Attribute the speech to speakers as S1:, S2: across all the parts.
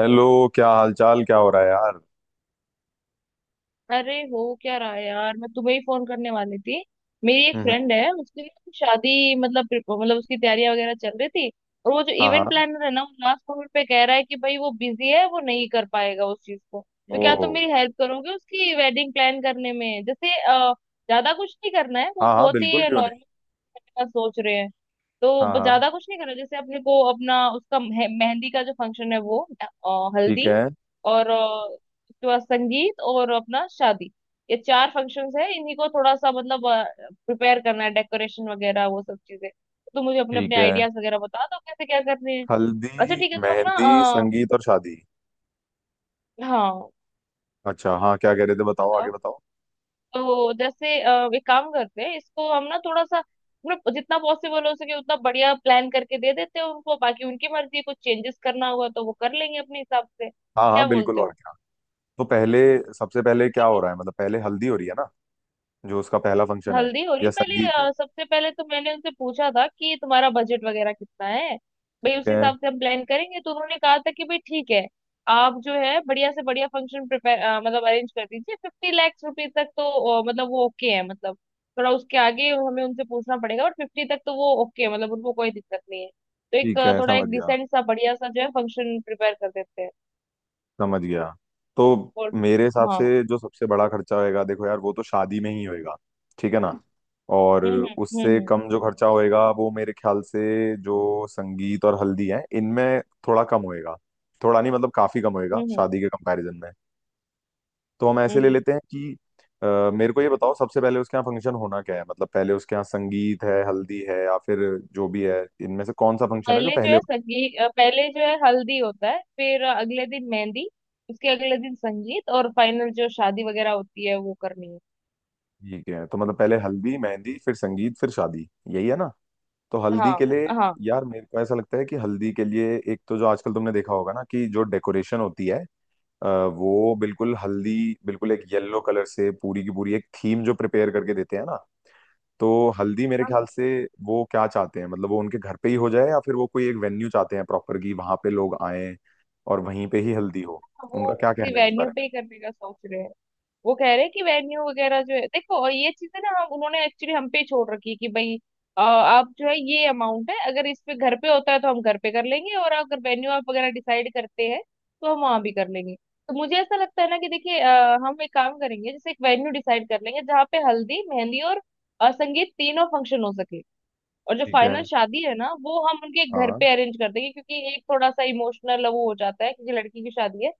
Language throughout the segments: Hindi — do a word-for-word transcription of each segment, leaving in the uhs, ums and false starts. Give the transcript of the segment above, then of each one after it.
S1: हेलो। क्या हालचाल? क्या हो रहा है यार?
S2: अरे हो क्या रहा है यार मैं तुम्हें ही फोन करने वाली थी। मेरी एक
S1: हम्म हम्म।
S2: फ्रेंड है उसकी ना शादी मतलब प्रिप- मतलब उसकी तैयारियां वगैरह चल रही थी। और वो जो
S1: हाँ
S2: इवेंट
S1: हाँ।
S2: प्लानर है ना वो लास्ट मोमेंट पे कह रहा है कि भाई वो बिजी है वो नहीं कर पाएगा उस चीज को। तो क्या
S1: ओ।
S2: तुम मेरी हेल्प करोगे उसकी वेडिंग प्लान करने में जैसे अ, ज्यादा कुछ नहीं करना है
S1: हाँ
S2: वो
S1: हाँ,
S2: बहुत
S1: बिल्कुल,
S2: ही
S1: क्यों नहीं?
S2: नॉर्मल का सोच रहे हैं। तो
S1: हाँ
S2: ब-
S1: हाँ।
S2: ज्यादा कुछ नहीं करना जैसे अपने को अपना उसका मेह- मेहंदी का जो फंक्शन है वो अ,
S1: ठीक
S2: हल्दी
S1: है।
S2: और अ, उसके बाद संगीत और अपना शादी। ये चार फंक्शंस है इन्हीं को थोड़ा सा मतलब प्रिपेयर करना है डेकोरेशन वगैरह वो सब चीजें। तो मुझे अपने
S1: ठीक
S2: अपने
S1: है।
S2: आइडियाज वगैरह बता दो कैसे क्या करने हैं। अच्छा
S1: हल्दी,
S2: ठीक है तो हम
S1: मेहंदी,
S2: ना
S1: संगीत और शादी।
S2: अ, हाँ
S1: अच्छा हाँ, क्या कह रहे थे? बताओ, आगे
S2: बताओ।
S1: बताओ।
S2: तो जैसे अ, एक काम करते हैं इसको हम ना थोड़ा सा मतलब जितना पॉसिबल हो सके उतना बढ़िया प्लान करके दे देते हैं उनको बाकी उनकी मर्जी है, कुछ चेंजेस करना होगा तो वो कर लेंगे अपने हिसाब से
S1: हाँ हाँ
S2: क्या
S1: बिल्कुल,
S2: बोलते
S1: और
S2: हो।
S1: क्या। तो पहले, सबसे पहले क्या
S2: ठीक
S1: हो
S2: है।
S1: रहा है? मतलब पहले हल्दी हो रही है ना, जो उसका पहला फंक्शन है,
S2: हल्दी हो
S1: या
S2: रही पहले
S1: संगीत है?
S2: अ, सबसे पहले तो मैंने उनसे पूछा था कि तुम्हारा बजट वगैरह कितना है भाई उस
S1: ठीक है।
S2: हिसाब से हम प्लान करेंगे। तो उन्होंने कहा था कि भाई ठीक है आप जो है बढ़िया से बढ़िया फंक्शन प्रिपेयर मतलब अरेंज कर दीजिए फिफ्टी लाख रुपए तक तो अ, मतलब वो ओके है। मतलब थोड़ा उसके आगे हमें उनसे पूछना पड़ेगा और फिफ्टी तक तो वो ओके है मतलब उनको कोई दिक्कत नहीं है। तो एक
S1: ठीक
S2: अ,
S1: है,
S2: थोड़ा
S1: समझ
S2: एक
S1: गया
S2: डिसेंट सा बढ़िया सा जो है फंक्शन प्रिपेयर कर देते हैं।
S1: समझ गया। तो
S2: और
S1: मेरे हिसाब
S2: हाँ।
S1: से जो सबसे बड़ा खर्चा होएगा देखो यार, वो तो शादी में ही होएगा, ठीक है ना? और
S2: हम्म हम्म
S1: उससे
S2: हम्म हम्म
S1: कम जो खर्चा होएगा वो मेरे ख्याल से जो संगीत और हल्दी है इनमें थोड़ा कम होएगा। थोड़ा नहीं मतलब काफी कम होएगा
S2: हम्म
S1: शादी के कंपैरिजन में। तो हम
S2: हम्म
S1: ऐसे ले
S2: हम्म।
S1: लेते हैं कि अ, मेरे को ये बताओ, सबसे पहले उसके यहाँ फंक्शन होना क्या है? मतलब पहले उसके यहाँ संगीत है, हल्दी है, या फिर जो भी है इनमें से कौन सा फंक्शन है जो
S2: पहले जो
S1: पहले
S2: है
S1: हो-?
S2: संगीत अ, पहले जो है हल्दी होता है फिर अगले दिन मेहंदी उसके अगले दिन संगीत और फाइनल जो शादी वगैरह होती है वो करनी है।
S1: ठीक है, तो मतलब पहले हल्दी, मेहंदी, फिर संगीत, फिर शादी, यही है ना? तो हल्दी के
S2: हाँ
S1: लिए
S2: हाँ।
S1: यार, मेरे को ऐसा लगता है कि हल्दी के लिए एक तो जो आजकल तुमने देखा होगा ना कि जो डेकोरेशन होती है, अ, वो बिल्कुल हल्दी, बिल्कुल एक येलो कलर से पूरी की पूरी एक थीम जो प्रिपेयर करके देते हैं ना। तो हल्दी मेरे
S2: हम
S1: ख्याल से, वो क्या चाहते हैं? मतलब वो उनके घर पे ही हो जाए, या फिर वो कोई एक वेन्यू चाहते हैं प्रॉपर कि वहां पे लोग आए और वहीं पे ही हल्दी हो?
S2: वो
S1: उनका क्या कहना है इस
S2: वेन्यू
S1: बारे
S2: पे
S1: में?
S2: ही करने का सोच रहे हैं। वो कह रहे हैं कि वेन्यू वगैरह जो है देखो और ये चीजें ना हम उन्होंने एक्चुअली हम पे छोड़ रखी है कि भाई अ, आप जो है ये अमाउंट है अगर इस पे घर पे होता है तो हम घर पे कर लेंगे और अगर वेन्यू आप वगैरह डिसाइड करते हैं तो हम वहां भी कर लेंगे। तो मुझे ऐसा लगता है ना कि देखिए अ, हम एक काम करेंगे जैसे एक वेन्यू डिसाइड कर लेंगे जहाँ पे हल्दी मेहंदी और अ, संगीत तीनों फंक्शन हो सके। और जो
S1: ठीक है।
S2: फाइनल शादी है ना वो हम उनके घर
S1: हाँ।
S2: पे अरेंज कर देंगे क्योंकि एक थोड़ा सा इमोशनल वो हो जाता है क्योंकि लड़की की शादी है।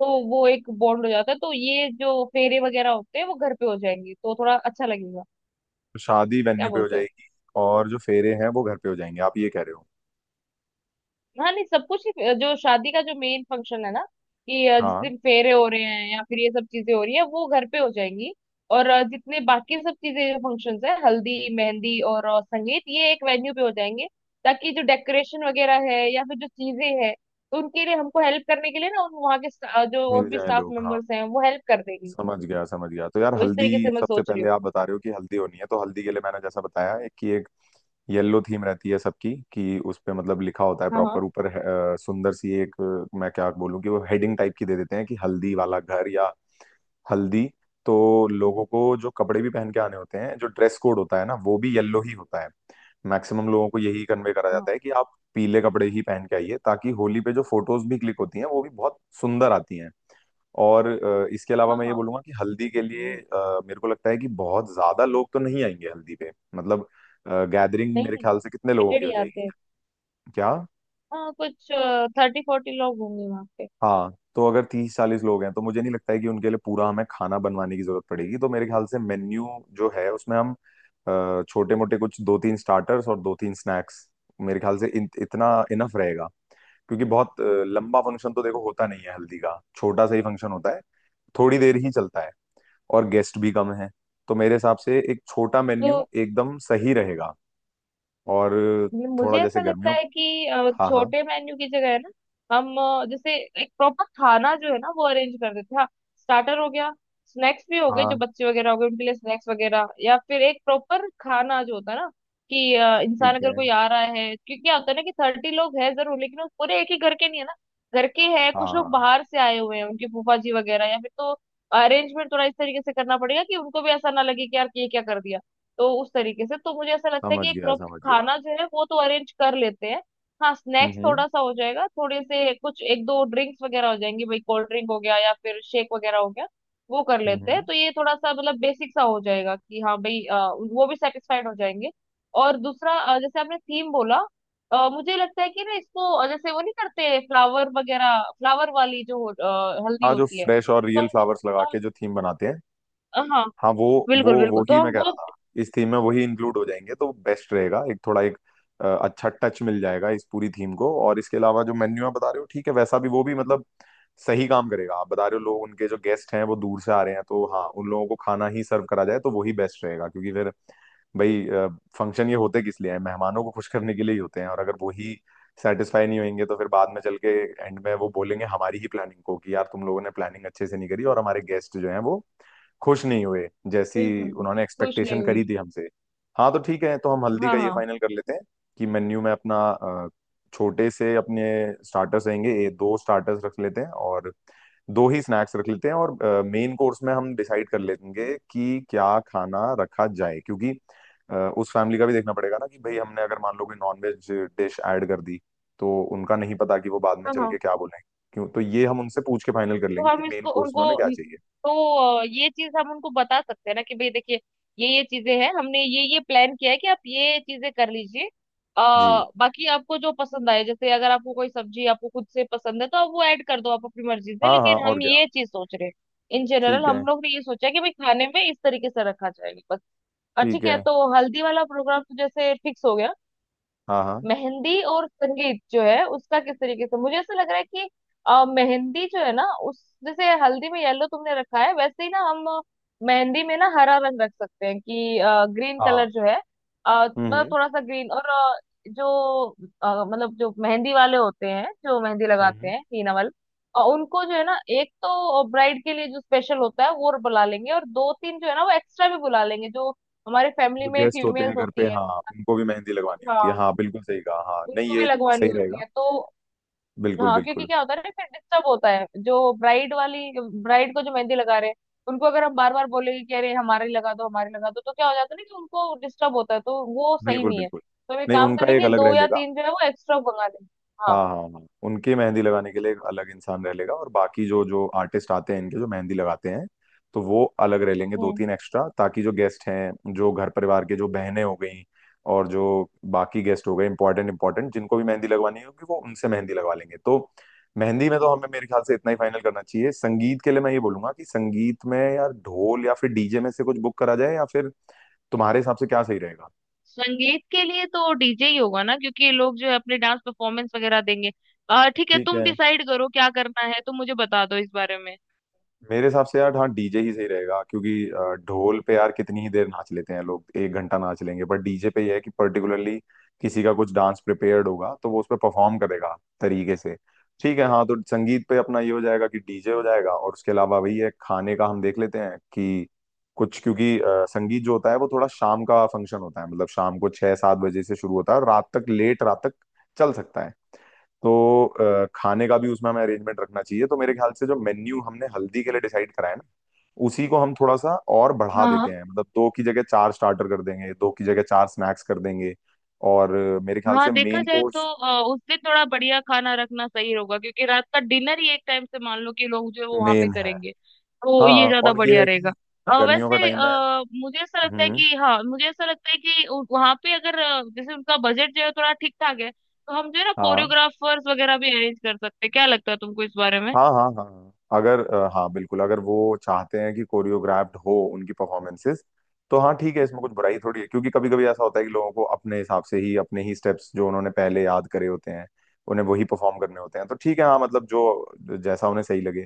S2: तो वो एक बॉन्ड हो जाता है तो ये जो फेरे वगैरह होते हैं वो घर पे हो जाएंगे तो थोड़ा अच्छा लगेगा
S1: तो शादी
S2: क्या
S1: वेन्यू पे हो
S2: बोलते हो।
S1: जाएगी, और जो फेरे हैं वो घर पे हो जाएंगे, आप ये कह रहे हो?
S2: हाँ नहीं सब कुछ ही जो शादी का जो मेन फंक्शन है ना कि अ, जिस
S1: हाँ।
S2: दिन फेरे हो रहे हैं या फिर ये सब चीजें हो रही है वो घर पे हो जाएंगी। और अ, जितने बाकी सब चीजें फंक्शंस है हल्दी मेहंदी और अ, संगीत ये एक वेन्यू पे हो जाएंगे ताकि जो डेकोरेशन वगैरह है या फिर जो चीजें है तो उनके लिए हमको हेल्प करने के लिए ना उन वहाँ के sta- जो और
S1: मिल
S2: भी
S1: जाए
S2: स्टाफ
S1: लोग, हाँ।
S2: मेंबर्स हैं वो हेल्प कर देंगे।
S1: समझ गया समझ गया। तो यार
S2: तो इस
S1: हल्दी,
S2: तरीके से मैं
S1: सबसे
S2: सोच रही
S1: पहले
S2: हूँ।
S1: आप बता रहे हो कि हल्दी होनी है, तो हल्दी के लिए मैंने जैसा बताया, एक कि एक येलो थीम रहती है सबकी, कि उस पे मतलब लिखा होता है
S2: हाँ हाँ
S1: प्रॉपर ऊपर, अ, सुंदर सी एक, अ, मैं क्या बोलूं कि वो हेडिंग टाइप की दे देते हैं कि हल्दी वाला घर, या हल्दी। तो लोगों को जो कपड़े भी पहन के आने होते हैं जो ड्रेस कोड होता है ना, वो भी येलो ही होता है। मैक्सिमम लोगों को यही कन्वे करा जाता
S2: हाँ
S1: है कि आप पीले कपड़े ही पहन के आइए, ताकि होली पे जो फोटोज भी क्लिक होती हैं वो भी बहुत सुंदर आती हैं। और अ, इसके अलावा
S2: हाँ
S1: मैं ये
S2: हाँ।
S1: बोलूंगा कि हल्दी के लिए अ, मेरे को लगता है कि बहुत ज्यादा लोग तो नहीं आएंगे हल्दी पे, मतलब गैदरिंग
S2: नहीं
S1: मेरे
S2: नहीं
S1: ख्याल से कितने लोगों की
S2: लिमिटेड ही
S1: हो
S2: आते
S1: जाएगी?
S2: हैं।
S1: क्या?
S2: हाँ कुछ थर्टी फोर्टी लोग होंगे वहाँ पे।
S1: हाँ, तो अगर तीस चालीस लोग हैं तो मुझे नहीं लगता है कि उनके लिए पूरा हमें खाना बनवाने की जरूरत पड़ेगी, तो मेरे ख्याल से मेन्यू जो है उसमें हम छोटे मोटे कुछ दो तीन स्टार्टर्स और दो तीन स्नैक्स मेरे ख्याल से, इन, इतना इनफ रहेगा, क्योंकि बहुत अ, लंबा फंक्शन तो देखो होता नहीं है हल्दी का, छोटा सा ही फंक्शन होता है, थोड़ी देर ही चलता है, और गेस्ट भी कम हैं, तो मेरे हिसाब से एक छोटा
S2: तो
S1: मेन्यू एकदम सही रहेगा। और
S2: ये मुझे
S1: थोड़ा जैसे
S2: ऐसा लगता
S1: गर्मियों,
S2: है कि अ,
S1: हाँ हाँ
S2: छोटे मेन्यू की जगह है ना हम अ, जैसे एक प्रॉपर खाना जो है ना वो अरेंज कर देते हैं। हाँ स्टार्टर हो गया स्नैक्स भी हो गए जो
S1: हाँ।
S2: बच्चे वगैरह हो गए उनके लिए स्नैक्स वगैरह या फिर एक प्रॉपर खाना जो होता है ना कि अ, इंसान
S1: ठीक
S2: अगर
S1: है।
S2: कोई आ रहा है क्योंकि क्या होता है ना कि थर्टी लोग हैं जरूर लेकिन वो पूरे एक ही घर के नहीं है ना। घर के हैं
S1: हाँ
S2: कुछ
S1: हाँ
S2: लोग
S1: हाँ।
S2: बाहर से आए हुए हैं उनकी फूफा जी वगैरह या फिर तो अरेंजमेंट थोड़ा इस तरीके से करना पड़ेगा कि उनको भी ऐसा ना लगे कि यार ये क्या कर दिया। तो उस तरीके से तो मुझे ऐसा लगता है
S1: समझ
S2: कि एक
S1: गया समझ गया।
S2: खाना जो है वो तो अरेंज कर लेते हैं। हाँ
S1: हम्म
S2: स्नैक्स
S1: हम्म
S2: थोड़ा सा हो जाएगा थोड़े से कुछ एक दो ड्रिंक्स वगैरह हो जाएंगी भाई कोल्ड ड्रिंक हो गया या फिर शेक वगैरह हो गया वो कर
S1: हम्म।
S2: लेते हैं।
S1: हम्म।
S2: तो ये थोड़ा सा मतलब बेसिक सा हो जाएगा कि हाँ भाई अ, वो भी सेटिस्फाइड हो जाएंगे। और दूसरा अ, जैसे आपने थीम बोला अ, मुझे लगता है कि ना इसको अ, जैसे वो नहीं करते फ्लावर वगैरह फ्लावर वाली जो अ, हल्दी
S1: हाँ, जो
S2: होती है
S1: फ्रेश और
S2: तो
S1: रियल
S2: हमको
S1: फ्लावर्स लगा के जो थीम बनाते हैं,
S2: हम- हाँ
S1: हाँ वो वो
S2: बिल्कुल
S1: वो
S2: बिल्कुल
S1: ही
S2: तो
S1: मैं
S2: हम
S1: कह
S2: वो
S1: रहा था, इस थीम में वही इंक्लूड हो जाएंगे तो बेस्ट रहेगा, एक थोड़ा एक अ, अच्छा टच मिल जाएगा इस पूरी थीम को। और इसके अलावा जो मेन्यू आप बता रहे हो ठीक है, वैसा भी वो भी मतलब सही काम करेगा। आप बता रहे हो लोग उनके जो गेस्ट हैं वो दूर से आ रहे हैं, तो हाँ उन लोगों को खाना ही सर्व करा जाए तो वही बेस्ट रहेगा, क्योंकि फिर भाई, फंक्शन ये होते किस लिए हैं? मेहमानों को खुश करने के लिए ही होते हैं, और अगर वही सेटिस्फाई नहीं होंगे तो फिर बाद में चल के, एंड में वो बोलेंगे हमारी ही प्लानिंग को कि यार तुम लोगों ने प्लानिंग अच्छे से नहीं करी और हमारे गेस्ट जो हैं वो खुश नहीं हुए, जैसी
S2: बिल्कुल
S1: उन्होंने
S2: खुश नहीं
S1: एक्सपेक्टेशन
S2: हुई।
S1: करी थी हमसे। हाँ, तो ठीक है, तो हम हल्दी
S2: हाँ
S1: का ये
S2: हाँ
S1: फाइनल कर लेते हैं कि मेन्यू में अपना अ, छोटे से अपने स्टार्टर्स रहेंगे, ये दो स्टार्टर्स रख लेते हैं और दो ही स्नैक्स रख लेते हैं, और मेन कोर्स में हम डिसाइड कर लेंगे कि क्या खाना रखा जाए, क्योंकि अ, उस फैमिली का भी देखना पड़ेगा ना कि भाई हमने अगर मान लो कोई नॉनवेज डिश ऐड कर दी, तो उनका नहीं पता कि वो बाद में
S2: हाँ
S1: चल
S2: हाँ।
S1: के क्या बोलेंगे। क्यों? तो ये हम उनसे पूछ के फाइनल कर
S2: तो
S1: लेंगे कि
S2: हम
S1: मेन
S2: इसको
S1: कोर्स में
S2: उनको
S1: उन्हें क्या चाहिए।
S2: तो अ, ये चीज हम उनको बता सकते हैं ना कि भाई देखिए ये ये चीजें हैं हमने ये ये प्लान किया है कि आप ये चीजें कर लीजिए।
S1: जी।
S2: आ, बाकी आपको जो पसंद आए जैसे अगर आपको कोई सब्जी आपको खुद से पसंद है तो आप वो ऐड कर दो आप अपनी मर्जी से
S1: हाँ हाँ,
S2: लेकिन
S1: और
S2: हम
S1: क्या।
S2: ये चीज सोच रहे हैं। इन जनरल
S1: ठीक है।
S2: हम लोग ने ये सोचा है कि भाई खाने में इस तरीके से रखा जाएगा बस। और
S1: ठीक
S2: ठीक है
S1: है।
S2: तो हल्दी वाला प्रोग्राम तो जैसे फिक्स हो गया।
S1: हाँ हाँ
S2: मेहंदी और संगीत जो है उसका किस तरीके से मुझे ऐसा लग रहा है कि अ, मेहंदी जो है ना उस जैसे हल्दी में येलो तुमने रखा है वैसे ही ना हम मेहंदी में ना हरा रंग रख सकते हैं कि ग्रीन
S1: हाँ।
S2: कलर जो है अ, मतलब
S1: हम्म
S2: थोड़ा सा ग्रीन और अ, जो अ, मतलब जो मेहंदी वाले होते हैं जो मेहंदी
S1: हम्म
S2: लगाते
S1: हम्म।
S2: हैं हीना वाले अ, उनको जो है ना एक तो ब्राइड के लिए जो स्पेशल होता है वो बुला लेंगे और दो तीन जो है ना वो एक्स्ट्रा भी बुला लेंगे जो हमारे फैमिली
S1: जो
S2: में
S1: गेस्ट होते हैं
S2: फीमेल्स
S1: घर पे,
S2: होती
S1: हाँ, उनको भी मेहंदी लगवानी
S2: है
S1: होती है, हाँ बिल्कुल सही कहा। हाँ नहीं,
S2: उनको भी
S1: ये
S2: लगवानी
S1: सही
S2: होती
S1: रहेगा,
S2: है तो
S1: बिल्कुल
S2: हाँ क्योंकि
S1: बिल्कुल।
S2: क्या होता है ना फिर डिस्टर्ब होता है जो ब्राइड वाली ब्राइड को जो मेहंदी लगा रहे हैं उनको अगर हम बार बार बोलेंगे कि अरे हमारी लगा दो हमारी लगा दो तो क्या हो जाता है ना कि उनको डिस्टर्ब होता है तो वो सही
S1: बिल्कुल
S2: नहीं है
S1: बिल्कुल।
S2: तो हम एक
S1: नहीं,
S2: काम
S1: उनका एक
S2: करेंगे
S1: अलग रह
S2: दो या
S1: लेगा।
S2: तीन जो है वो एक्स्ट्रा मंगा लेंगे। हाँ
S1: हाँ हाँ हाँ, उनके मेहंदी लगाने के लिए एक अलग इंसान रह लेगा, और बाकी जो जो आर्टिस्ट आते हैं इनके जो मेहंदी लगाते हैं, तो वो अलग रह लेंगे, दो
S2: हम्म।
S1: तीन एक्स्ट्रा, ताकि जो गेस्ट हैं, जो घर परिवार के जो बहनें हो गई और जो बाकी गेस्ट हो गए, इंपॉर्टेंट इंपॉर्टेंट जिनको भी मेहंदी लगवानी होगी वो उनसे मेहंदी लगवा लेंगे, तो मेहंदी में तो हमें मेरे ख्याल से इतना ही फाइनल करना चाहिए। संगीत के लिए मैं ये बोलूंगा कि संगीत में यार ढोल या फिर डीजे में से कुछ बुक करा जाए, या फिर तुम्हारे हिसाब से क्या सही रहेगा?
S2: संगीत के लिए तो डीजे ही होगा ना क्योंकि ये लोग जो है अपने डांस परफॉर्मेंस वगैरह देंगे अ, ठीक है
S1: ठीक
S2: तुम
S1: है,
S2: डिसाइड करो क्या करना है तुम मुझे बता दो इस बारे में।
S1: मेरे हिसाब से यार हाँ डीजे ही सही रहेगा, क्योंकि अ, ढोल पे यार कितनी ही देर नाच लेते हैं लोग, एक घंटा नाच लेंगे, बट डीजे पे यह है कि पर्टिकुलरली किसी का कुछ डांस प्रिपेयर्ड होगा तो वो उस पर परफॉर्म करेगा तरीके से। ठीक है हाँ, तो संगीत पे अपना ये हो जाएगा कि डीजे हो जाएगा, और उसके अलावा वही है खाने का हम देख लेते हैं कि कुछ, क्योंकि अ, संगीत जो होता है वो थोड़ा शाम का फंक्शन होता है, मतलब शाम को छह सात बजे से शुरू होता है और रात तक, लेट रात तक चल सकता है, तो अ, खाने का भी उसमें हमें अरेंजमेंट रखना चाहिए। तो मेरे ख्याल से जो मेन्यू हमने हल्दी के लिए डिसाइड करा है ना, उसी को हम थोड़ा सा और बढ़ा
S2: हाँ
S1: देते
S2: हाँ।
S1: हैं, मतलब दो की जगह चार स्टार्टर कर देंगे, दो की जगह चार स्नैक्स कर देंगे, और अ, मेरे ख्याल
S2: हाँ
S1: से
S2: देखा
S1: मेन
S2: जाए तो
S1: कोर्स
S2: अ, उस दिन थोड़ा बढ़िया खाना रखना सही होगा क्योंकि रात का डिनर ही एक टाइम से मान लो कि लोग जो है वो वहां पे
S1: मेन है।
S2: करेंगे तो ये
S1: हाँ,
S2: ज्यादा
S1: और ये
S2: बढ़िया
S1: है
S2: रहेगा।
S1: कि
S2: अ,
S1: गर्मियों का
S2: वैसे
S1: टाइम है।
S2: आ, मुझे ऐसा लगता है
S1: हम्म।
S2: कि हाँ मुझे ऐसा लगता है कि वहां पे अगर अ, जैसे उनका बजट जो है थोड़ा ठीक ठाक है तो हम जो है ना
S1: हाँ
S2: कोरियोग्राफर्स वगैरह भी अरेंज कर सकते हैं क्या लगता है तुमको इस बारे में।
S1: हाँ हाँ हाँ हाँ। अगर अ, हाँ बिल्कुल, अगर वो चाहते हैं कि कोरियोग्राफ्ड हो उनकी परफॉर्मेंसेस तो हाँ ठीक है, इसमें कुछ बुराई थोड़ी है, क्योंकि कभी कभी ऐसा होता है कि लोगों को अपने हिसाब से ही अपने ही स्टेप्स जो उन्होंने पहले याद करे होते हैं उन्हें वही परफॉर्म करने होते हैं, तो ठीक है हाँ, मतलब जो जैसा उन्हें सही लगे,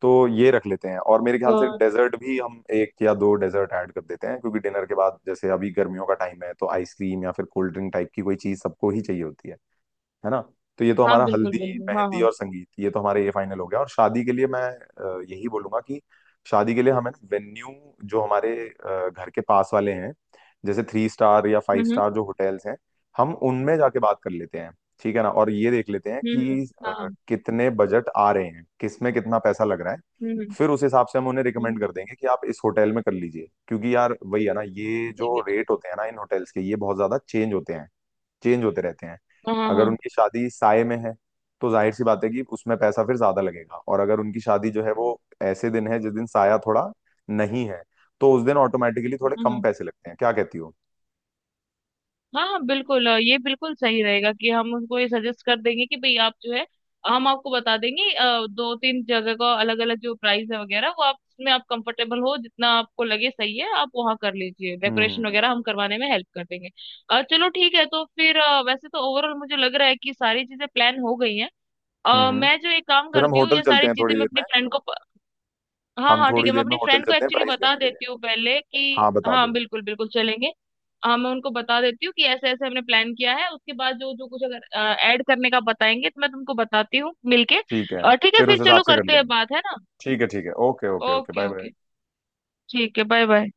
S1: तो ये रख लेते हैं। और मेरे ख्याल से
S2: और
S1: डेजर्ट भी हम एक या दो डेजर्ट ऐड कर देते हैं, क्योंकि डिनर के बाद जैसे अभी गर्मियों का टाइम है तो आइसक्रीम या फिर कोल्ड ड्रिंक टाइप की कोई चीज सबको ही चाहिए होती है है ना? तो ये तो
S2: हाँ
S1: हमारा
S2: बिल्कुल
S1: हल्दी,
S2: बिल्कुल हाँ
S1: मेहंदी
S2: हाँ।
S1: और संगीत, ये तो हमारा ये फाइनल हो गया। और शादी के लिए मैं अ, यही बोलूंगा कि शादी के लिए हमें ना वेन्यू जो हमारे अ, घर के पास वाले हैं, जैसे थ्री स्टार या फाइव
S2: हम्म
S1: स्टार जो होटल्स हैं, हम उनमें जाके बात कर लेते हैं, ठीक है ना? और ये देख लेते हैं
S2: हम्म हम्म हम्म,
S1: कि
S2: हाँ
S1: अ,
S2: हाँ।
S1: कितने बजट आ रहे हैं, किस में कितना पैसा लग रहा है।
S2: हम्म हम्म
S1: फिर उस हिसाब से हम उन्हें रिकमेंड
S2: हम्म,
S1: कर देंगे कि आप इस होटल में कर लीजिए, क्योंकि यार वही है ना, ये
S2: ठीक
S1: जो
S2: है ठीक
S1: रेट
S2: है।
S1: होते हैं ना इन होटल्स के, ये बहुत ज्यादा चेंज होते हैं, चेंज होते रहते हैं।
S2: हाँ
S1: अगर
S2: हाँ
S1: उनकी शादी साय में है तो जाहिर सी बात है कि उसमें पैसा फिर ज्यादा लगेगा, और अगर उनकी शादी जो है वो ऐसे दिन है जिस दिन साया थोड़ा नहीं है तो उस दिन ऑटोमेटिकली थोड़े
S2: हाँ
S1: कम
S2: हाँ।
S1: पैसे लगते हैं, क्या कहती हो?
S2: हाँ हाँ बिल्कुल अ, ये बिल्कुल सही रहेगा कि हम उनको ये सजेस्ट कर देंगे कि भाई आप जो है हम आपको बता देंगे अ, दो तीन जगह का अलग अलग जो प्राइस है वगैरह वो आप उसमें आप कंफर्टेबल हो जितना आपको लगे सही है आप वहाँ कर लीजिए
S1: हम्म
S2: डेकोरेशन
S1: हम्म
S2: वगैरह हम करवाने में हेल्प कर देंगे। अ, चलो ठीक है तो फिर अ, वैसे तो ओवरऑल मुझे लग रहा है कि सारी चीजें प्लान हो गई हैं।
S1: हम्म
S2: अ,
S1: हम्म।
S2: मैं जो एक काम
S1: फिर हम
S2: करती हूँ
S1: होटल
S2: ये
S1: चलते
S2: सारी
S1: हैं
S2: चीजें
S1: थोड़ी
S2: मैं
S1: देर
S2: अपनी
S1: में।
S2: फ्रेंड को हाँ
S1: हम
S2: हाँ ठीक
S1: थोड़ी
S2: है मैं
S1: देर में
S2: अपनी
S1: होटल
S2: फ्रेंड को
S1: चलते हैं
S2: एक्चुअली
S1: प्राइस
S2: बता
S1: लेने के लिए।
S2: देती हूँ पहले कि
S1: हाँ बता
S2: हाँ
S1: दो।
S2: बिल्कुल बिल्कुल चलेंगे। हाँ मैं उनको बता देती हूँ कि ऐसे ऐसे हमने प्लान किया है उसके बाद जो जो कुछ अगर ऐड करने का बताएंगे तो मैं तुमको बताती हूँ मिलके।
S1: ठीक है,
S2: और ठीक है
S1: फिर
S2: फिर
S1: उस हिसाब
S2: चलो
S1: से कर
S2: करते हैं
S1: लेंगे।
S2: बात है ना।
S1: ठीक है ठीक है, okay okay okay,
S2: okay
S1: bye bye.
S2: Okay ठीक है बाय बाय।